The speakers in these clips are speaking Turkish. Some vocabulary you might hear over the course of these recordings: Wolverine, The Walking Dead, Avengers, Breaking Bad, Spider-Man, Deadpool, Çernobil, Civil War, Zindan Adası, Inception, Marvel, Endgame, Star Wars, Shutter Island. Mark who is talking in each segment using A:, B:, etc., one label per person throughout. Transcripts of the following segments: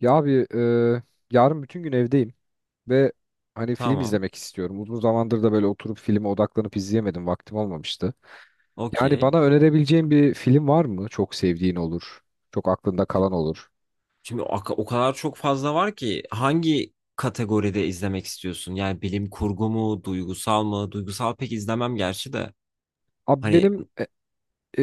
A: Ya abi yarın bütün gün evdeyim ve hani film
B: Tamam.
A: izlemek istiyorum. Uzun zamandır da böyle oturup filme odaklanıp izleyemedim. Vaktim olmamıştı. Yani
B: Okey.
A: bana önerebileceğin bir film var mı? Çok sevdiğin olur. Çok aklında kalan olur.
B: Şimdi o kadar çok fazla var ki hangi kategoride izlemek istiyorsun? Yani bilim kurgu mu, duygusal mı? Duygusal pek izlemem gerçi de.
A: Abi
B: Hani
A: benim e,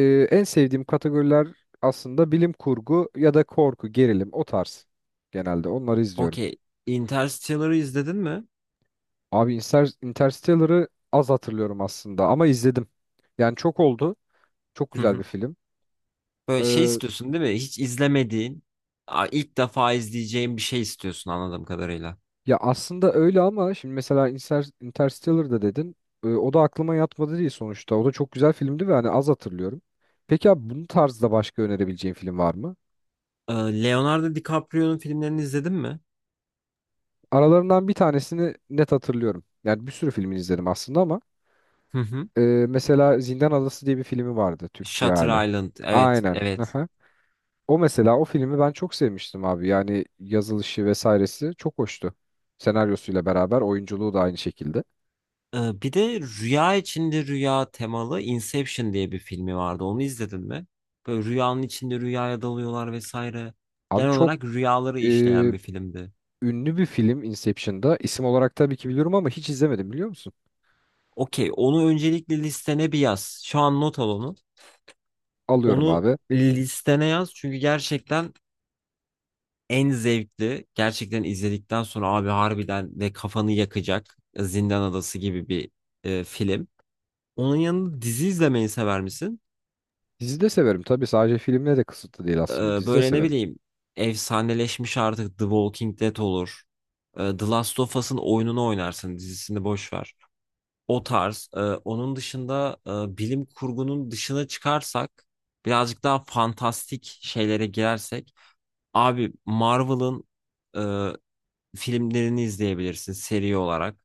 A: e, en sevdiğim kategoriler aslında bilim kurgu ya da korku, gerilim o tarz. Genelde onları izliyorum.
B: okey. Interstellar'ı izledin mi?
A: Abi Interstellar'ı az hatırlıyorum aslında ama izledim. Yani çok oldu. Çok
B: Hı
A: güzel bir
B: hı.
A: film.
B: Böyle şey istiyorsun değil mi? Hiç izlemediğin, ilk defa izleyeceğin bir şey istiyorsun anladığım kadarıyla.
A: Ya aslında öyle ama şimdi mesela Interstellar'da dedin. O da aklıma yatmadı değil sonuçta. O da çok güzel filmdi ve hani az hatırlıyorum. Peki abi bunun tarzda başka önerebileceğin film var mı?
B: Ee, Leonardo DiCaprio'nun filmlerini izledin mi?
A: Aralarından bir tanesini net hatırlıyorum. Yani bir sürü filmini izledim aslında ama
B: Hı hı.
A: mesela Zindan Adası diye bir filmi vardı Türkçe
B: Shutter
A: hali.
B: Island. Evet,
A: Aynen.
B: evet.
A: Aha. O mesela o filmi ben çok sevmiştim abi. Yani yazılışı vesairesi çok hoştu. Senaryosuyla beraber oyunculuğu da aynı şekilde.
B: Bir de rüya içinde rüya temalı Inception diye bir filmi vardı. Onu izledin mi? Böyle rüyanın içinde rüyaya dalıyorlar vesaire.
A: Abi
B: Genel
A: çok
B: olarak rüyaları işleyen bir filmdi.
A: ünlü bir film Inception'da. İsim olarak tabii ki biliyorum ama hiç izlemedim biliyor musun?
B: Okey, onu öncelikle listene bir yaz. Şu an not al onu.
A: Alıyorum
B: Onu
A: abi.
B: listene yaz çünkü gerçekten en zevkli. Gerçekten izledikten sonra abi harbiden ve kafanı yakacak Zindan Adası gibi bir film. Onun yanında dizi izlemeyi sever misin?
A: Dizi de severim tabii, sadece filmle de kısıtlı değil aslında. Dizi de
B: Böyle ne
A: severim.
B: bileyim efsaneleşmiş artık The Walking Dead olur. The Last of Us'ın oyununu oynarsın dizisini boş ver. O tarz. Onun dışında bilim kurgunun dışına çıkarsak birazcık daha fantastik şeylere girersek abi Marvel'ın e, filmlerini izleyebilirsin seri olarak.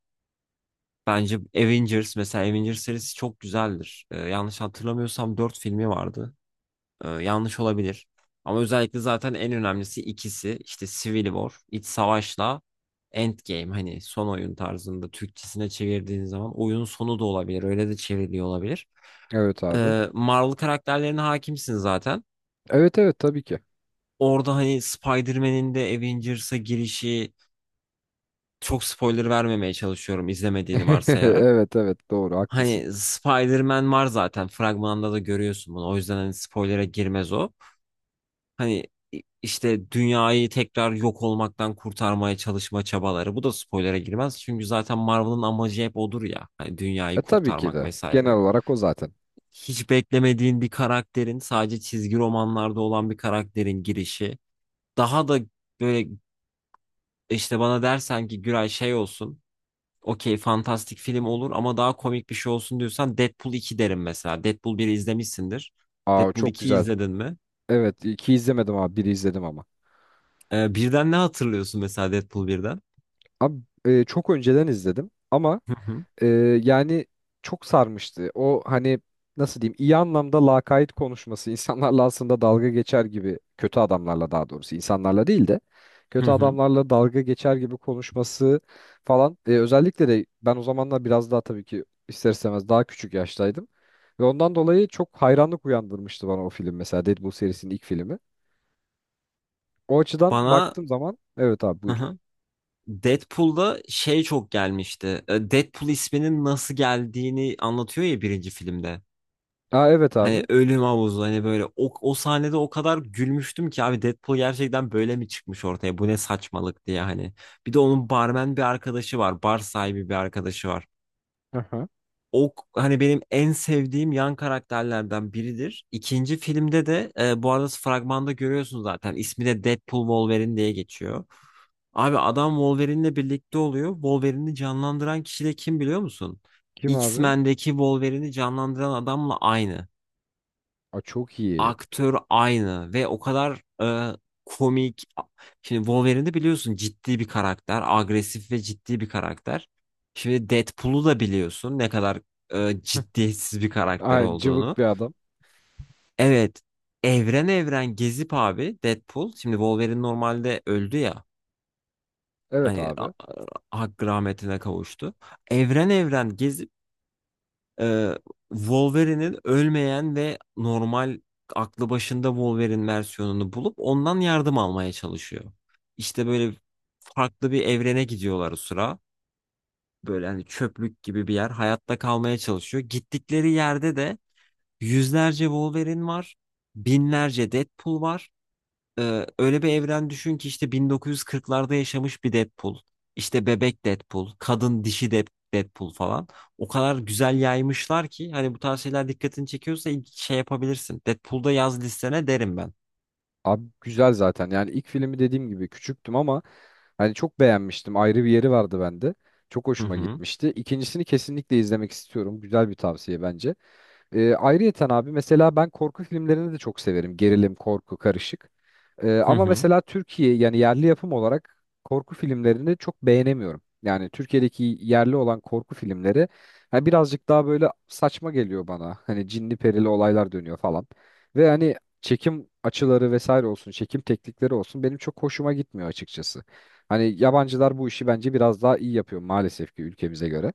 B: Bence Avengers mesela Avengers serisi çok güzeldir. Yanlış hatırlamıyorsam 4 filmi vardı. Yanlış olabilir. Ama özellikle zaten en önemlisi ikisi işte Civil War, iç savaşla Endgame hani son oyun tarzında Türkçesine çevirdiğin zaman oyunun sonu da olabilir. Öyle de çevriliyor olabilir.
A: Evet abi.
B: Marvel karakterlerine hakimsin zaten.
A: Evet, evet, tabii ki.
B: Orada hani Spider-Man'in de Avengers'a girişi çok spoiler vermemeye çalışıyorum izlemediğini varsayarak.
A: Evet, evet, doğru, haklısın.
B: Hani Spider-Man var zaten fragmanda da görüyorsun bunu. O yüzden hani spoilere girmez o. Hani işte dünyayı tekrar yok olmaktan kurtarmaya çalışma çabaları. Bu da spoilere girmez. Çünkü zaten Marvel'ın amacı hep odur ya. Hani dünyayı
A: E tabii ki
B: kurtarmak
A: de. Genel
B: vesaire.
A: olarak o zaten.
B: Hiç beklemediğin bir karakterin sadece çizgi romanlarda olan bir karakterin girişi. Daha da böyle işte bana dersen ki Güray şey olsun. Okey fantastik film olur ama daha komik bir şey olsun diyorsan Deadpool 2 derim mesela. Deadpool 1'i izlemişsindir.
A: Aa
B: Deadpool
A: çok
B: 2'yi
A: güzel.
B: izledin mi?
A: Evet, iki izlemedim abi, biri izledim ama.
B: Birden ne hatırlıyorsun mesela Deadpool birden?
A: Abi çok önceden izledim ama Ee, yani çok sarmıştı. O hani nasıl diyeyim iyi anlamda lakayt konuşması insanlarla, aslında dalga geçer gibi kötü adamlarla, daha doğrusu insanlarla değil de
B: Hı
A: kötü
B: hı.
A: adamlarla dalga geçer gibi konuşması falan. Özellikle de ben o zamanlar biraz daha tabii ki ister istemez daha küçük yaştaydım. Ve ondan dolayı çok hayranlık uyandırmıştı bana o film mesela, Deadpool serisinin ilk filmi. O açıdan
B: Bana
A: baktığım zaman evet abi,
B: hı
A: buyur.
B: hı. Deadpool'da şey çok gelmişti. Deadpool isminin nasıl geldiğini anlatıyor ya birinci filmde.
A: Aa evet
B: Hani
A: abi.
B: ölüm havuzu hani böyle o sahnede o kadar gülmüştüm ki abi Deadpool gerçekten böyle mi çıkmış ortaya bu ne saçmalık diye hani. Bir de onun barmen bir arkadaşı var bar sahibi bir arkadaşı var.
A: Aha.
B: O hani benim en sevdiğim yan karakterlerden biridir. İkinci filmde de bu arada fragmanda görüyorsun zaten ismi de Deadpool Wolverine diye geçiyor. Abi adam Wolverine'le birlikte oluyor. Wolverine'i canlandıran kişi de kim biliyor musun?
A: Kim abi?
B: X-Men'deki Wolverine'i canlandıran adamla aynı.
A: Aa, çok iyi.
B: Aktör aynı ve o kadar komik. Şimdi Wolverine'i biliyorsun ciddi bir karakter. Agresif ve ciddi bir karakter. Şimdi Deadpool'u da biliyorsun ne kadar ciddiyetsiz bir karakter
A: Aynen,
B: olduğunu.
A: cıvık bir adam.
B: Evet. Evren evren gezip abi Deadpool. Şimdi Wolverine normalde öldü ya.
A: Evet
B: Hani
A: abi.
B: hakkı rahmetine kavuştu. Evren evren gezip e, Wolverine'in ölmeyen ve normal aklı başında Wolverine versiyonunu bulup ondan yardım almaya çalışıyor. İşte böyle farklı bir evrene gidiyorlar o sıra. Böyle hani çöplük gibi bir yer. Hayatta kalmaya çalışıyor. Gittikleri yerde de yüzlerce Wolverine var. Binlerce Deadpool var. Öyle bir evren düşün ki işte 1940'larda yaşamış bir Deadpool, işte bebek Deadpool, kadın dişi Deadpool falan. O kadar güzel yaymışlar ki hani bu tarz şeyler dikkatini çekiyorsa ilk şey yapabilirsin. Deadpool'da yaz listene derim ben.
A: Abi güzel zaten. Yani ilk filmi dediğim gibi küçüktüm ama hani çok beğenmiştim. Ayrı bir yeri vardı bende. Çok
B: Hı
A: hoşuma
B: hı.
A: gitmişti. İkincisini kesinlikle izlemek istiyorum. Güzel bir tavsiye bence. Ayrıyeten abi mesela ben korku filmlerini de çok severim. Gerilim, korku, karışık.
B: Hı
A: Ama
B: hı.
A: mesela Türkiye yani yerli yapım olarak korku filmlerini çok beğenemiyorum. Yani Türkiye'deki yerli olan korku filmleri ha, birazcık daha böyle saçma geliyor bana. Hani cinli perili olaylar dönüyor falan. Ve hani çekim açıları vesaire olsun, çekim teknikleri olsun benim çok hoşuma gitmiyor açıkçası. Hani yabancılar bu işi bence biraz daha iyi yapıyor maalesef ki ülkemize göre.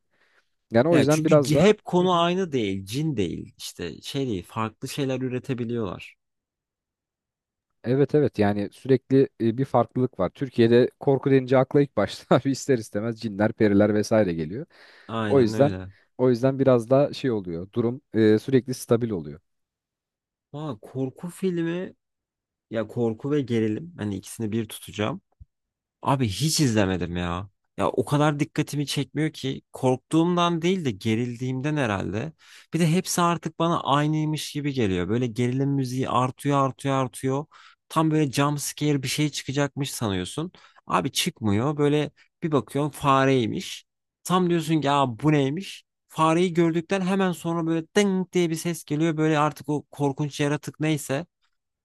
A: Yani o
B: Ya
A: yüzden
B: çünkü
A: biraz da
B: hep konu aynı değil, cin değil, işte şey değil, farklı şeyler üretebiliyorlar.
A: evet, evet, yani sürekli bir farklılık var. Türkiye'de korku denince akla ilk başta bir ister istemez cinler, periler vesaire geliyor. O
B: Aynen
A: yüzden
B: öyle.
A: o yüzden biraz daha şey oluyor. Durum sürekli stabil oluyor.
B: Valla korku filmi ya korku ve gerilim hani ikisini bir tutacağım. Abi hiç izlemedim ya. Ya o kadar dikkatimi çekmiyor ki korktuğumdan değil de gerildiğimden herhalde. Bir de hepsi artık bana aynıymış gibi geliyor. Böyle gerilim müziği artıyor artıyor artıyor. Tam böyle jump scare bir şey çıkacakmış sanıyorsun. Abi çıkmıyor. Böyle bir bakıyorsun fareymiş. Tam diyorsun ki ya bu neymiş? Fareyi gördükten hemen sonra böyle ding diye bir ses geliyor. Böyle artık o korkunç yaratık neyse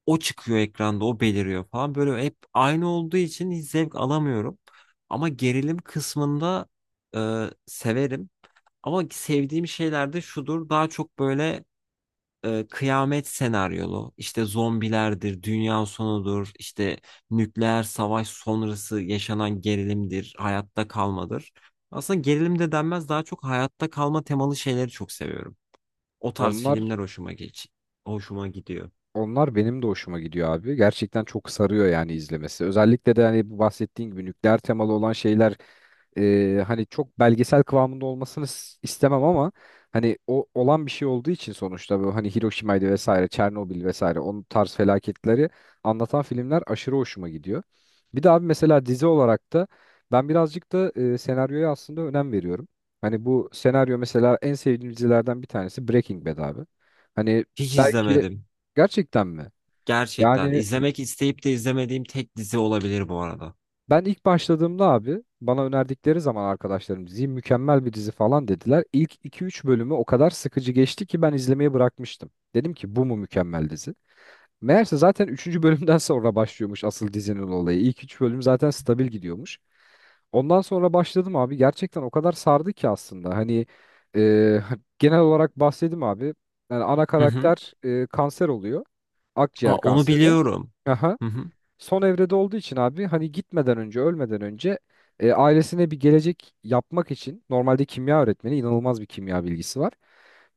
B: o çıkıyor ekranda, o beliriyor falan. Böyle hep aynı olduğu için hiç zevk alamıyorum. Ama gerilim kısmında severim. Ama sevdiğim şeyler de şudur. Daha çok böyle kıyamet senaryolu, işte zombilerdir, dünya sonudur, işte nükleer savaş sonrası yaşanan gerilimdir, hayatta kalmadır. Aslında gerilim de denmez, daha çok hayatta kalma temalı şeyleri çok seviyorum. O tarz
A: Onlar
B: filmler hoşuma gidiyor.
A: Onlar benim de hoşuma gidiyor abi. Gerçekten çok sarıyor yani izlemesi. Özellikle de hani bu bahsettiğin gibi nükleer temalı olan şeyler, hani çok belgesel kıvamında olmasını istemem ama hani o olan bir şey olduğu için sonuçta, bu hani Hiroşima'ydı vesaire, Çernobil vesaire, onun tarz felaketleri anlatan filmler aşırı hoşuma gidiyor. Bir de abi mesela dizi olarak da ben birazcık da senaryoya aslında önem veriyorum. Hani bu senaryo mesela, en sevdiğim dizilerden bir tanesi Breaking Bad abi. Hani
B: Hiç
A: belki,
B: izlemedim.
A: gerçekten mi?
B: Gerçekten
A: Yani
B: izlemek isteyip de izlemediğim tek dizi olabilir bu arada.
A: ben ilk başladığımda abi, bana önerdikleri zaman arkadaşlarım, diziyi mükemmel bir dizi falan dediler. İlk iki üç bölümü o kadar sıkıcı geçti ki ben izlemeyi bırakmıştım. Dedim ki bu mu mükemmel dizi? Meğerse zaten üçüncü bölümden sonra başlıyormuş asıl dizinin olayı. İlk 3 bölüm zaten stabil gidiyormuş. Ondan sonra başladım abi. Gerçekten o kadar sardı ki aslında. Hani e, genel olarak bahsedeyim abi. Yani ana
B: Hı hı.
A: karakter kanser oluyor.
B: Aa,
A: Akciğer
B: onu
A: kanseri.
B: biliyorum.
A: Aha.
B: Hı hı.
A: Son evrede olduğu için abi hani gitmeden önce, ölmeden önce ailesine bir gelecek yapmak için, normalde kimya öğretmeni, inanılmaz bir kimya bilgisi var.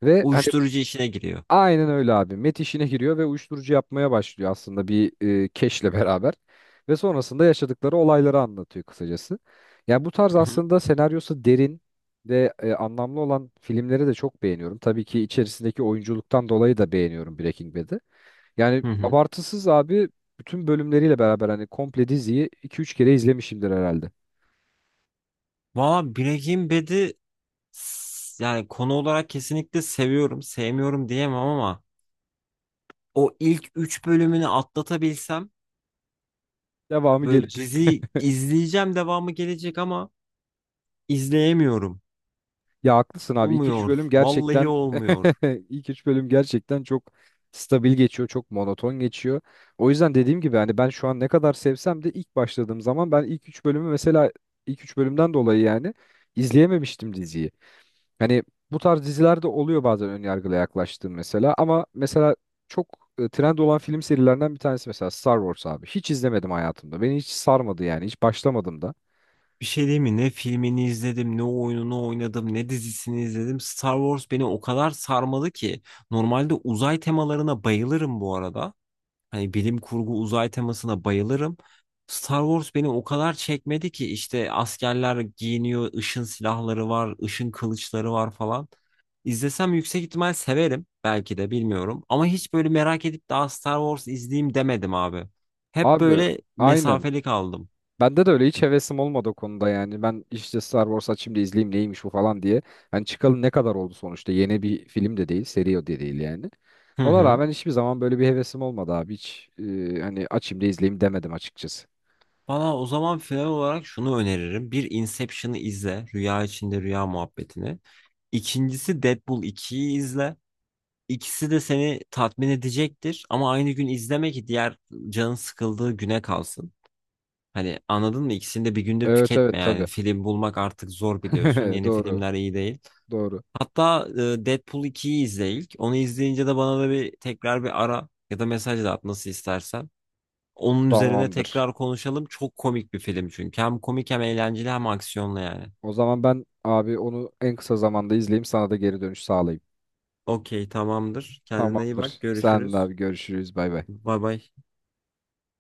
A: Ve hani
B: Uyuşturucu işine giriyor.
A: aynen öyle abi. Met işine giriyor ve uyuşturucu yapmaya başlıyor aslında bir keşle beraber. Ve sonrasında yaşadıkları olayları anlatıyor kısacası. Yani bu tarz
B: Hı hı.
A: aslında senaryosu derin ve anlamlı olan filmleri de çok beğeniyorum. Tabii ki içerisindeki oyunculuktan dolayı da beğeniyorum Breaking Bad'i. Yani
B: Hı hı.
A: abartısız abi, bütün bölümleriyle beraber hani komple diziyi iki üç kere izlemişimdir herhalde.
B: Valla Breaking Bad'i yani konu olarak kesinlikle seviyorum. Sevmiyorum diyemem ama o ilk 3 bölümünü atlatabilsem
A: Devamı
B: böyle
A: gelecek.
B: dizi izleyeceğim devamı gelecek ama izleyemiyorum.
A: Ya haklısın abi, iki üç
B: Olmuyor.
A: bölüm
B: Vallahi
A: gerçekten
B: olmuyor.
A: ilk üç bölüm gerçekten çok stabil geçiyor, çok monoton geçiyor. O yüzden dediğim gibi hani ben şu an ne kadar sevsem de, ilk başladığım zaman ben ilk 3 bölümden dolayı yani izleyememiştim diziyi. Hani bu tarz dizilerde oluyor bazen ön yargıyla yaklaştığım, mesela ama mesela çok trend olan film serilerinden bir tanesi mesela Star Wars abi. Hiç izlemedim hayatımda. Beni hiç sarmadı yani. Hiç başlamadım da.
B: Bir şey diyeyim mi? Ne filmini izledim, ne oyununu oynadım, ne dizisini izledim. Star Wars beni o kadar sarmalı ki. Normalde uzay temalarına bayılırım bu arada. Hani bilim kurgu uzay temasına bayılırım. Star Wars beni o kadar çekmedi ki işte askerler giyiniyor, ışın silahları var, ışın kılıçları var falan. İzlesem yüksek ihtimal severim belki de bilmiyorum. Ama hiç böyle merak edip daha Star Wars izleyeyim demedim abi. Hep
A: Abi
B: böyle
A: aynen.
B: mesafeli kaldım.
A: Bende de öyle, hiç hevesim olmadı o konuda yani. Ben işte Star Wars açayım da izleyeyim neymiş bu falan diye. Hani çıkalı ne kadar oldu sonuçta. Yeni bir film de değil, seri o de değil yani.
B: Hı
A: Ona
B: hı.
A: rağmen hiçbir zaman böyle bir hevesim olmadı abi. Hiç hani açayım da izleyeyim demedim açıkçası.
B: Bana o zaman final olarak şunu öneririm. Bir Inception'ı izle. Rüya içinde rüya muhabbetini. İkincisi Deadpool 2'yi izle. İkisi de seni tatmin edecektir. Ama aynı gün izleme ki diğer canın sıkıldığı güne kalsın. Hani anladın mı? İkisini de bir günde
A: Evet,
B: tüketme
A: evet,
B: yani.
A: tabii.
B: Film bulmak artık zor biliyorsun. Yeni
A: Doğru,
B: filmler iyi değil.
A: doğru.
B: Hatta Deadpool ikiyi izle ilk. Onu izleyince de bana da bir tekrar bir ara ya da mesaj da at nasıl istersen. Onun üzerine
A: Tamamdır.
B: tekrar konuşalım. Çok komik bir film çünkü. Hem komik hem eğlenceli hem aksiyonlu yani.
A: O zaman ben abi onu en kısa zamanda izleyeyim, sana da geri dönüş sağlayayım.
B: Okey tamamdır. Kendine iyi bak.
A: Tamamdır. Sen de
B: Görüşürüz.
A: abi, görüşürüz. Bay bay.
B: Bay bay.